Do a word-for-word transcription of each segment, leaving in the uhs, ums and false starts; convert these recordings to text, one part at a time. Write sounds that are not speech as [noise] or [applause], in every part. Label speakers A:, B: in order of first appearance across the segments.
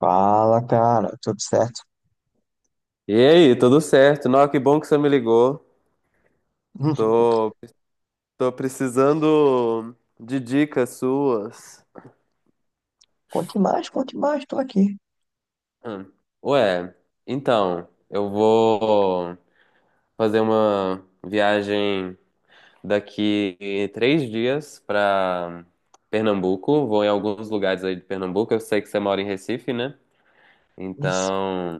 A: Fala, cara, tudo certo?
B: E aí, tudo certo? Não, que bom que você me ligou.
A: [laughs]
B: Tô, tô precisando de dicas suas.
A: Conte mais, conte mais, tô aqui.
B: Hum. Ué, então, eu vou fazer uma viagem daqui três dias pra Pernambuco. Vou em alguns lugares aí de Pernambuco. Eu sei que você mora em Recife, né?
A: Isso.
B: Então,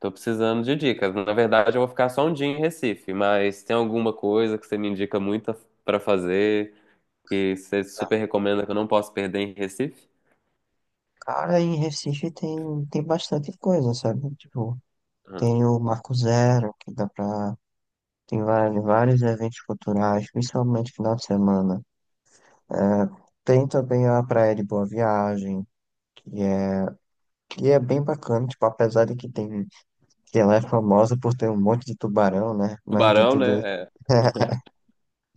B: tô precisando de dicas. Na verdade, eu vou ficar só um dia em Recife, mas tem alguma coisa que você me indica muito pra fazer? Que você super recomenda, que eu não posso perder em Recife?
A: Cara, em Recife tem, tem bastante coisa, sabe? Tipo,
B: Uhum.
A: tem o Marco Zero, que dá pra. Tem vários, vários eventos culturais, principalmente final de semana. Tem também a Praia de Boa Viagem, que é, que é bem bacana, tipo, apesar de que tem, que ela é famosa por ter um monte de tubarão, né? Mas de
B: Tubarão, né?
A: tudo isso.
B: É.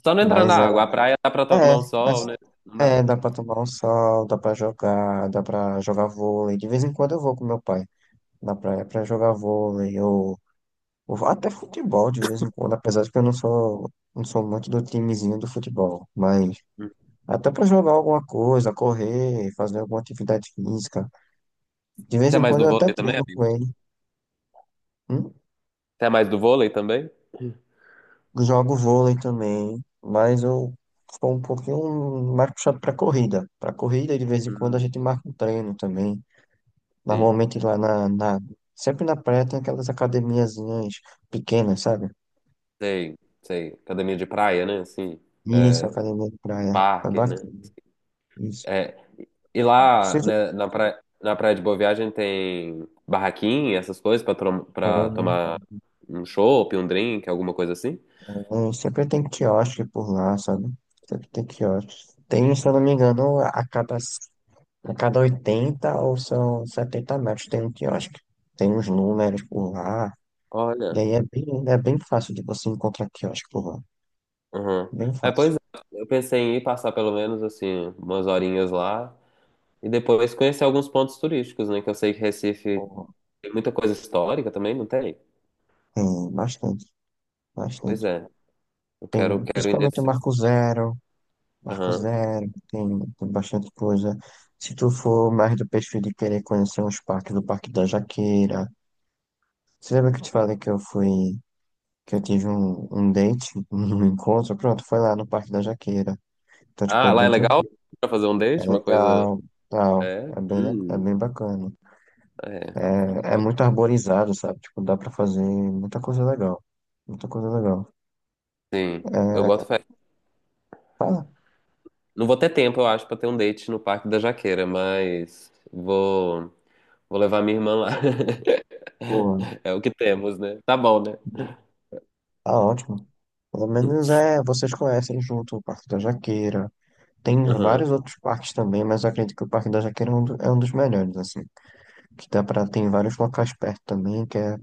B: Só não entrar na
A: Mas ela.
B: água. A praia dá pra
A: É,
B: tomar um
A: é
B: sol, né? Não dá.
A: É, dá pra tomar um sol, dá pra jogar, dá pra jogar vôlei. De vez em quando eu vou com meu pai na praia pra jogar vôlei ou, ou até futebol de vez em quando, apesar de que eu não sou, não sou muito do timezinho do futebol, mas
B: Hum.
A: até pra jogar alguma coisa, correr, fazer alguma atividade física. De vez
B: Você é
A: em
B: mais
A: quando
B: do
A: eu até
B: vôlei também,
A: treino com
B: amigo?
A: ele. Hum?
B: Você é mais do vôlei também?
A: Jogo vôlei também, mas eu sou um pouquinho mais puxado pra corrida. Pra corrida, de vez em quando a
B: Hum.
A: gente marca um treino também.
B: Sim,
A: Normalmente lá na, na- sempre na praia tem aquelas academiazinhas pequenas, sabe?
B: sei, sei. Academia de praia, né? Assim,
A: Isso, academia de praia. É
B: parque, né?
A: bacana. Isso.
B: É. E lá,
A: Sempre
B: né, na praia, na praia de Boa Viagem tem barraquinha, essas coisas pra, trom- pra
A: tem,
B: tomar um chopp, um drink, alguma coisa assim?
A: tem, sempre tem quiosque por lá, sabe? Sempre tem quiosque. Tem, se eu não me engano, a cada, a cada oitenta ou são setenta metros tem um quiosque. Tem uns números por lá. E
B: Olha.
A: é bem, é bem fácil de você encontrar quiosque por lá.
B: Uhum.
A: Bem
B: É, pois
A: fácil.
B: é, eu pensei em ir passar pelo menos assim umas horinhas lá e depois conhecer alguns pontos turísticos, né? Que eu sei que
A: Por
B: Recife
A: lá.
B: tem muita coisa histórica também, não tem?
A: Tem bastante,
B: Pois
A: bastante.
B: é, eu quero,
A: Tem
B: quero ir
A: principalmente
B: nesse.
A: o Marco Zero. Marcos
B: Aham.
A: Zero, tem, tem bastante coisa. Se tu for mais do perfil de querer conhecer uns parques, do Parque da Jaqueira. Você lembra que eu te falei que eu fui, que eu tive um, um date, [laughs] um encontro? Pronto, foi lá no Parque da Jaqueira. Então, tipo,
B: Ah,
A: é
B: lá
A: bem
B: é legal
A: tranquilo,
B: pra fazer um
A: é
B: date, uma coisa.
A: legal, tal.
B: É,
A: É bem, le- é
B: hum,
A: bem bacana.
B: é,
A: É, é muito arborizado, sabe? Tipo, dá pra fazer muita coisa legal. Muita coisa legal.
B: sim. Eu boto fé.
A: Tá,
B: Não vou ter tempo, eu acho, pra ter um date no Parque da Jaqueira, mas vou, vou levar minha irmã lá. [laughs]
A: boa.
B: É o que temos, né? Tá bom, né?
A: Tá ótimo. Pelo menos é, vocês conhecem junto o Parque da Jaqueira. Tem
B: Aham.
A: vários outros parques também, mas eu acredito que o Parque da Jaqueira é um, do- é um dos melhores, assim. Que dá pra, tem vários locais perto também, que é,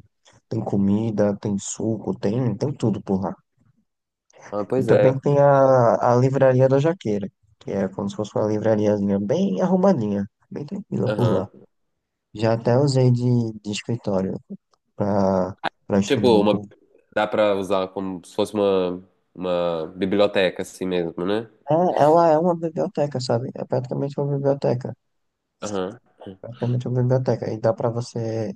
A: tem comida, tem suco, tem, tem tudo por lá.
B: Ah,
A: E
B: pois
A: também
B: é.
A: tem a, a Livraria da Jaqueira, que é como se fosse uma livrariazinha bem arrumadinha, bem tranquila por lá.
B: Aham.
A: Já até usei de, de escritório pra, pra estudar
B: Tipo,
A: um
B: uma,
A: pouco.
B: dá pra usar como se fosse uma, uma biblioteca assim mesmo, né?
A: É, ela é uma biblioteca, sabe? É praticamente uma biblioteca.
B: Aham.
A: Praticamente uma biblioteca. E dá pra você.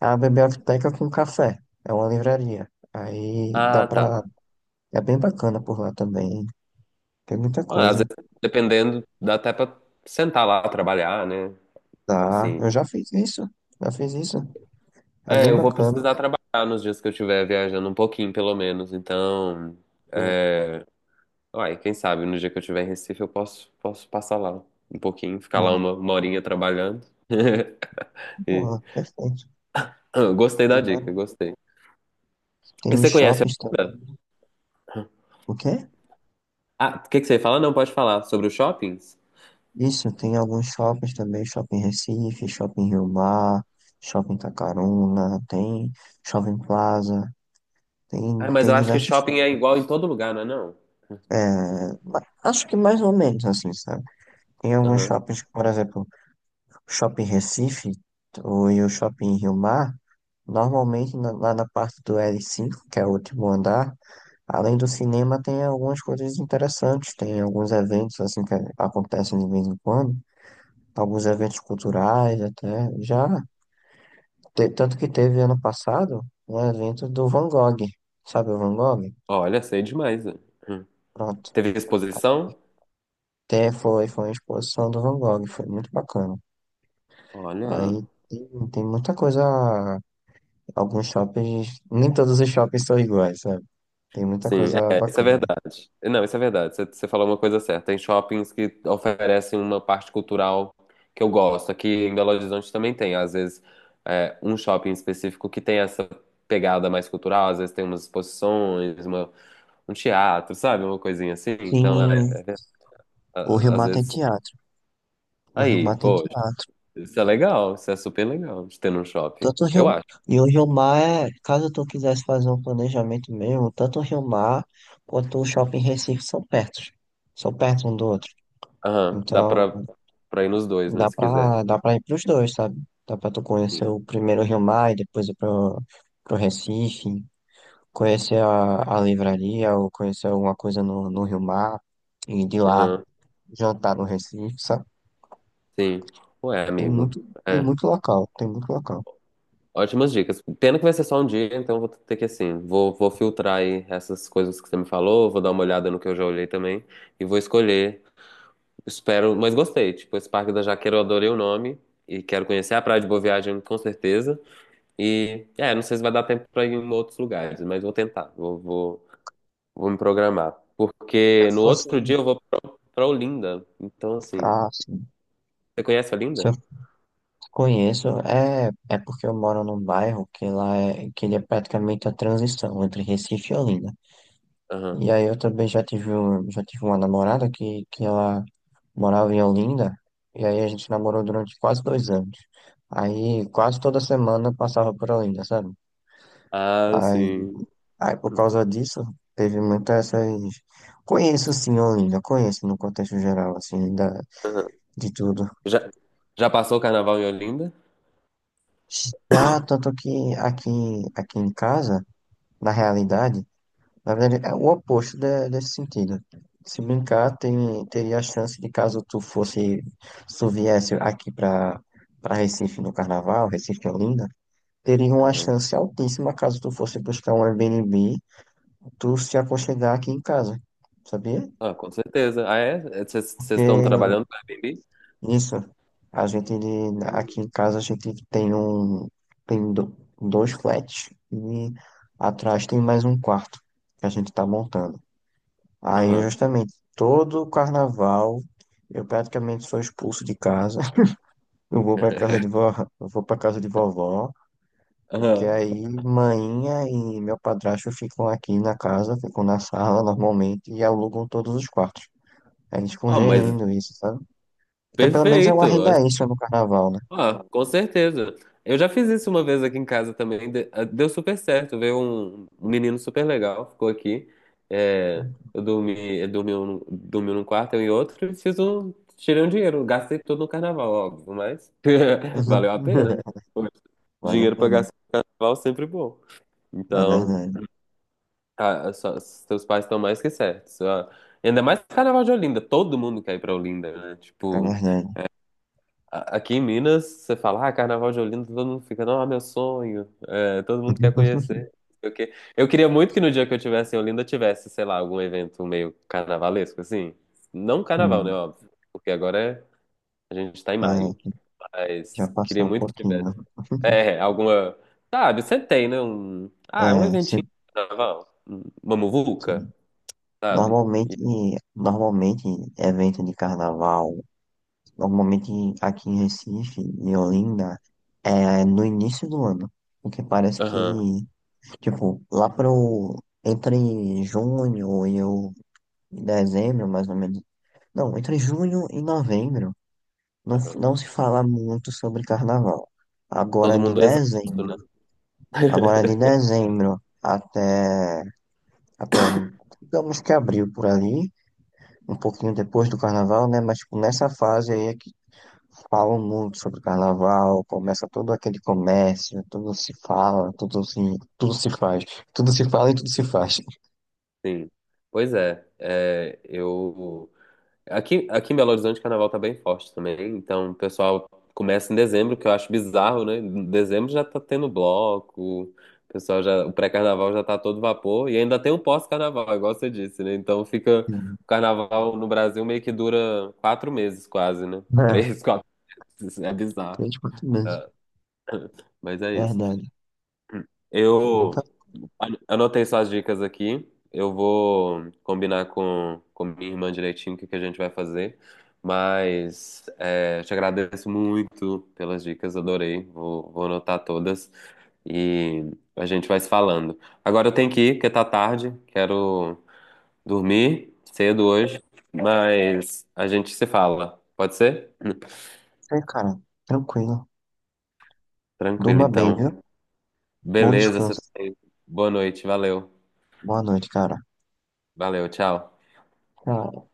A: É uma biblioteca com café. É uma livraria. Aí dá
B: Ah, tá.
A: pra. É bem bacana por lá também. Tem muita
B: Ah, às
A: coisa.
B: vezes, dependendo, dá até pra sentar lá, trabalhar, né?
A: Dá.
B: Assim.
A: Eu já fiz isso. Já fiz isso. É
B: É,
A: bem
B: eu vou
A: bacana.
B: precisar trabalhar nos dias que eu estiver viajando um pouquinho, pelo menos. Então,
A: Boa,
B: é... Uai, quem sabe no dia que eu estiver em Recife eu posso, posso passar lá um pouquinho, ficar lá
A: boa,
B: uma, uma horinha trabalhando. [laughs] E...
A: boa. Perfeito.
B: Ah, gostei
A: Tem,
B: da dica,
A: vários-
B: gostei.
A: tem
B: E
A: os
B: você conhece...
A: shoppings também. O quê?
B: Ah, o que que você fala? Não, pode falar. Sobre os shoppings?
A: Isso, tem alguns shoppings também. Shopping Recife, Shopping Rio Mar, Shopping Tacaruna, tem Shopping Plaza. Tem,
B: Ah, mas
A: tem
B: eu acho que
A: diversos.
B: shopping é igual em todo lugar, não é não?
A: É, ma- acho que mais ou menos assim, sabe? Tem alguns
B: Aham.
A: shoppings, por exemplo, o Shopping Recife ou, e o Shopping Rio Mar, normalmente na- lá na parte do l cinco, que é o último andar, além do cinema, tem algumas coisas interessantes, tem alguns eventos assim que acontecem de vez em quando, alguns eventos culturais até, já, te- tanto que teve ano passado um evento do Van Gogh, sabe o Van Gogh?
B: Olha, sei demais, né? Hum.
A: Pronto.
B: Teve exposição?
A: Até foi, foi uma exposição do Van Gogh, foi muito bacana.
B: Olha,
A: Aí tem, tem muita coisa. Alguns shoppings, nem todos os shoppings são iguais, sabe? Tem muita
B: sim,
A: coisa
B: é, isso é
A: bacana.
B: verdade. Não, isso é verdade. Você você falou uma coisa certa. Tem shoppings que oferecem uma parte cultural que eu gosto. Aqui em Belo Horizonte também tem, às vezes, é, um shopping específico que tem essa pegada mais cultural. Às vezes tem umas exposições, uma- um teatro, sabe? Uma coisinha assim. Então, é,
A: Sim,
B: é,
A: o Rio
B: a- às
A: Mar tem
B: vezes...
A: teatro. O Rio
B: Aí,
A: Mar tem
B: pô.
A: teatro.
B: Isso é legal, isso é super legal de ter num shopping.
A: Tanto o
B: Eu
A: Rio...
B: acho.
A: E o Rio Mar é, caso tu quisesse fazer um planejamento mesmo, tanto o Rio Mar quanto o Shopping Recife são perto. São perto um do outro.
B: Aham, dá pra,
A: Então,
B: pra ir nos dois, né,
A: dá
B: se quiser.
A: pra, dá pra ir pros dois, sabe? Dá pra tu
B: Sim.
A: conhecer o primeiro Rio Mar e depois ir pro, pro Recife. Conhecer a, a livraria ou conhecer alguma coisa no, no Rio Mar e de lá
B: Aham,
A: jantar no Recife, sabe?
B: sim. Ué,
A: Tem
B: amigo.
A: muito, tem
B: É.
A: muito local, tem muito local.
B: Ótimas dicas. Pena que vai ser só um dia, então vou ter que, assim, vou, vou filtrar aí essas coisas que você me falou, vou dar uma olhada no que eu já olhei também e vou escolher. Espero, mas gostei. Tipo, esse Parque da Jaqueira eu adorei o nome e quero conhecer a Praia de Boa Viagem com certeza. E, é, não sei se vai dar tempo pra ir em outros lugares, mas vou tentar. Vou, vou, Vou me programar.
A: Se eu
B: Porque no
A: fosse,
B: outro dia eu vou pra Olinda. Então, assim.
A: ah, sim.
B: Você conhece
A: Se
B: Olinda?
A: eu conheço, é, é porque eu moro num bairro que lá é, que ele é praticamente a transição entre Recife e Olinda.
B: Aham.
A: E aí eu também já tive, um- já tive uma namorada que, que ela morava em Olinda, e aí a gente namorou durante quase dois anos. Aí quase toda semana eu passava por Olinda, sabe?
B: Ah,
A: Aí,
B: sim.
A: Aí, por causa disso, teve muitas essas. Conheço, sim, Olinda, conheço no contexto geral, assim, da,
B: Aham.
A: de tudo.
B: Já, já passou o carnaval em Olinda?
A: Já, tanto que aqui, aqui em casa, na realidade, na verdade, é o oposto de- desse sentido. Se brincar, tem, teria a chance de caso tu fosse, se tu viesse aqui pra, pra Recife no Carnaval, Recife e Olinda, teria uma
B: Aham.
A: chance altíssima caso tu fosse buscar um Airbnb, tu se aconchegar aqui em casa, sabia?
B: Ah, com certeza. Ah, é? É, Vocês vocês estão
A: Porque
B: trabalhando no Airbnb?
A: Isso. A gente,
B: Hum.
A: aqui em casa, a gente tem um, tem do- dois flats e atrás tem mais um quarto que a gente tá montando. Aí,
B: Aham.
A: justamente, todo carnaval, eu praticamente sou expulso de casa. [laughs] Eu vou pra casa de
B: [laughs]
A: vó, eu vou pra casa de vovó, porque
B: Aham.
A: aí mainha e meu padrasto ficam aqui na casa, ficam na sala normalmente e alugam todos os quartos. Aí eles ficam
B: Ah, mas
A: gerindo isso, sabe? Porque pelo menos é uma
B: perfeito.
A: renda extra no carnaval, né?
B: Ah, com certeza. Eu já fiz isso uma vez aqui em casa também. de- ah, Deu super certo. Veio um, um menino super legal, ficou aqui. É, eu dormi, eu dormi, um, dormi num quarto, eu em outro, e fiz um. Tirei um dinheiro, gastei tudo no carnaval, óbvio, mas [laughs]
A: Exato.
B: valeu a pena, né?
A: [laughs]
B: Poxa,
A: Vale a
B: dinheiro pra
A: pena.
B: gastar no carnaval é sempre bom.
A: É
B: Então,
A: verdade.
B: tá, só- seus pais estão mais que certos. Ah, ainda mais carnaval de Olinda, todo mundo quer ir pra Olinda, né?
A: É
B: Tipo
A: verdade.
B: a- aqui em Minas, você fala, ah, Carnaval de Olinda, todo mundo fica, não, é meu sonho, é, todo mundo quer conhecer,
A: [laughs]
B: não sei o quê. Eu queria muito que no dia que eu tivesse em Olinda tivesse, sei lá, algum evento meio carnavalesco, assim. Não carnaval, né,
A: Hum,
B: óbvio, porque agora é- a gente tá em maio,
A: é, já
B: mas queria
A: passou um
B: muito que
A: pouquinho.
B: tivesse.
A: [laughs]
B: É, alguma, sabe, você tem, né, um,
A: É,
B: ah, um
A: se-
B: eventinho de carnaval, um- uma muvuca, sabe? E-
A: normalmente, normalmente, evento de carnaval, normalmente aqui em Recife e Olinda, é no início do ano. Porque parece que,
B: Aham,
A: tipo, lá pro, entre junho e o- e dezembro, mais ou menos. Não, entre junho e novembro. Não,
B: aham.
A: não se fala muito sobre carnaval. Agora
B: Todo
A: de
B: mundo é exausto,
A: dezembro,
B: né?
A: agora de
B: [laughs]
A: dezembro até, até digamos que abril por ali, um pouquinho depois do carnaval, né? Mas tipo, nessa fase aí é que falam muito sobre carnaval, começa todo aquele comércio, tudo se fala, tudo se, tudo se faz, tudo se fala e tudo se faz. [laughs]
B: Sim, pois é, é, eu aqui, aqui em Belo Horizonte o carnaval tá bem forte também, então o pessoal começa em dezembro, que eu acho bizarro, né? Em dezembro já tá tendo bloco, o pessoal já, o pré-carnaval já tá a todo vapor e ainda tem o pós-carnaval, igual você disse, né? Então fica
A: Hum.
B: o carnaval no Brasil meio que dura quatro meses quase, né?
A: É,
B: Três, [laughs] quatro meses, é bizarro,
A: três por mês,
B: é, mas é isso.
A: verdade. Tem muita
B: Eu Olha, anotei suas dicas aqui. Eu vou combinar com, com minha irmã direitinho o que que a gente vai fazer. Mas é, te agradeço muito pelas dicas, adorei. Vou, vou anotar todas e a gente vai se falando. Agora eu tenho que ir, porque tá tarde. Quero dormir cedo hoje, mas a gente se fala. Pode ser?
A: coisa, cara. Tranquilo.
B: Tranquilo,
A: Durma bem,
B: então.
A: viu? Bom
B: Beleza, você... tá-
A: descanso.
B: boa noite, valeu.
A: Boa noite, cara.
B: Valeu, tchau.
A: Tchau.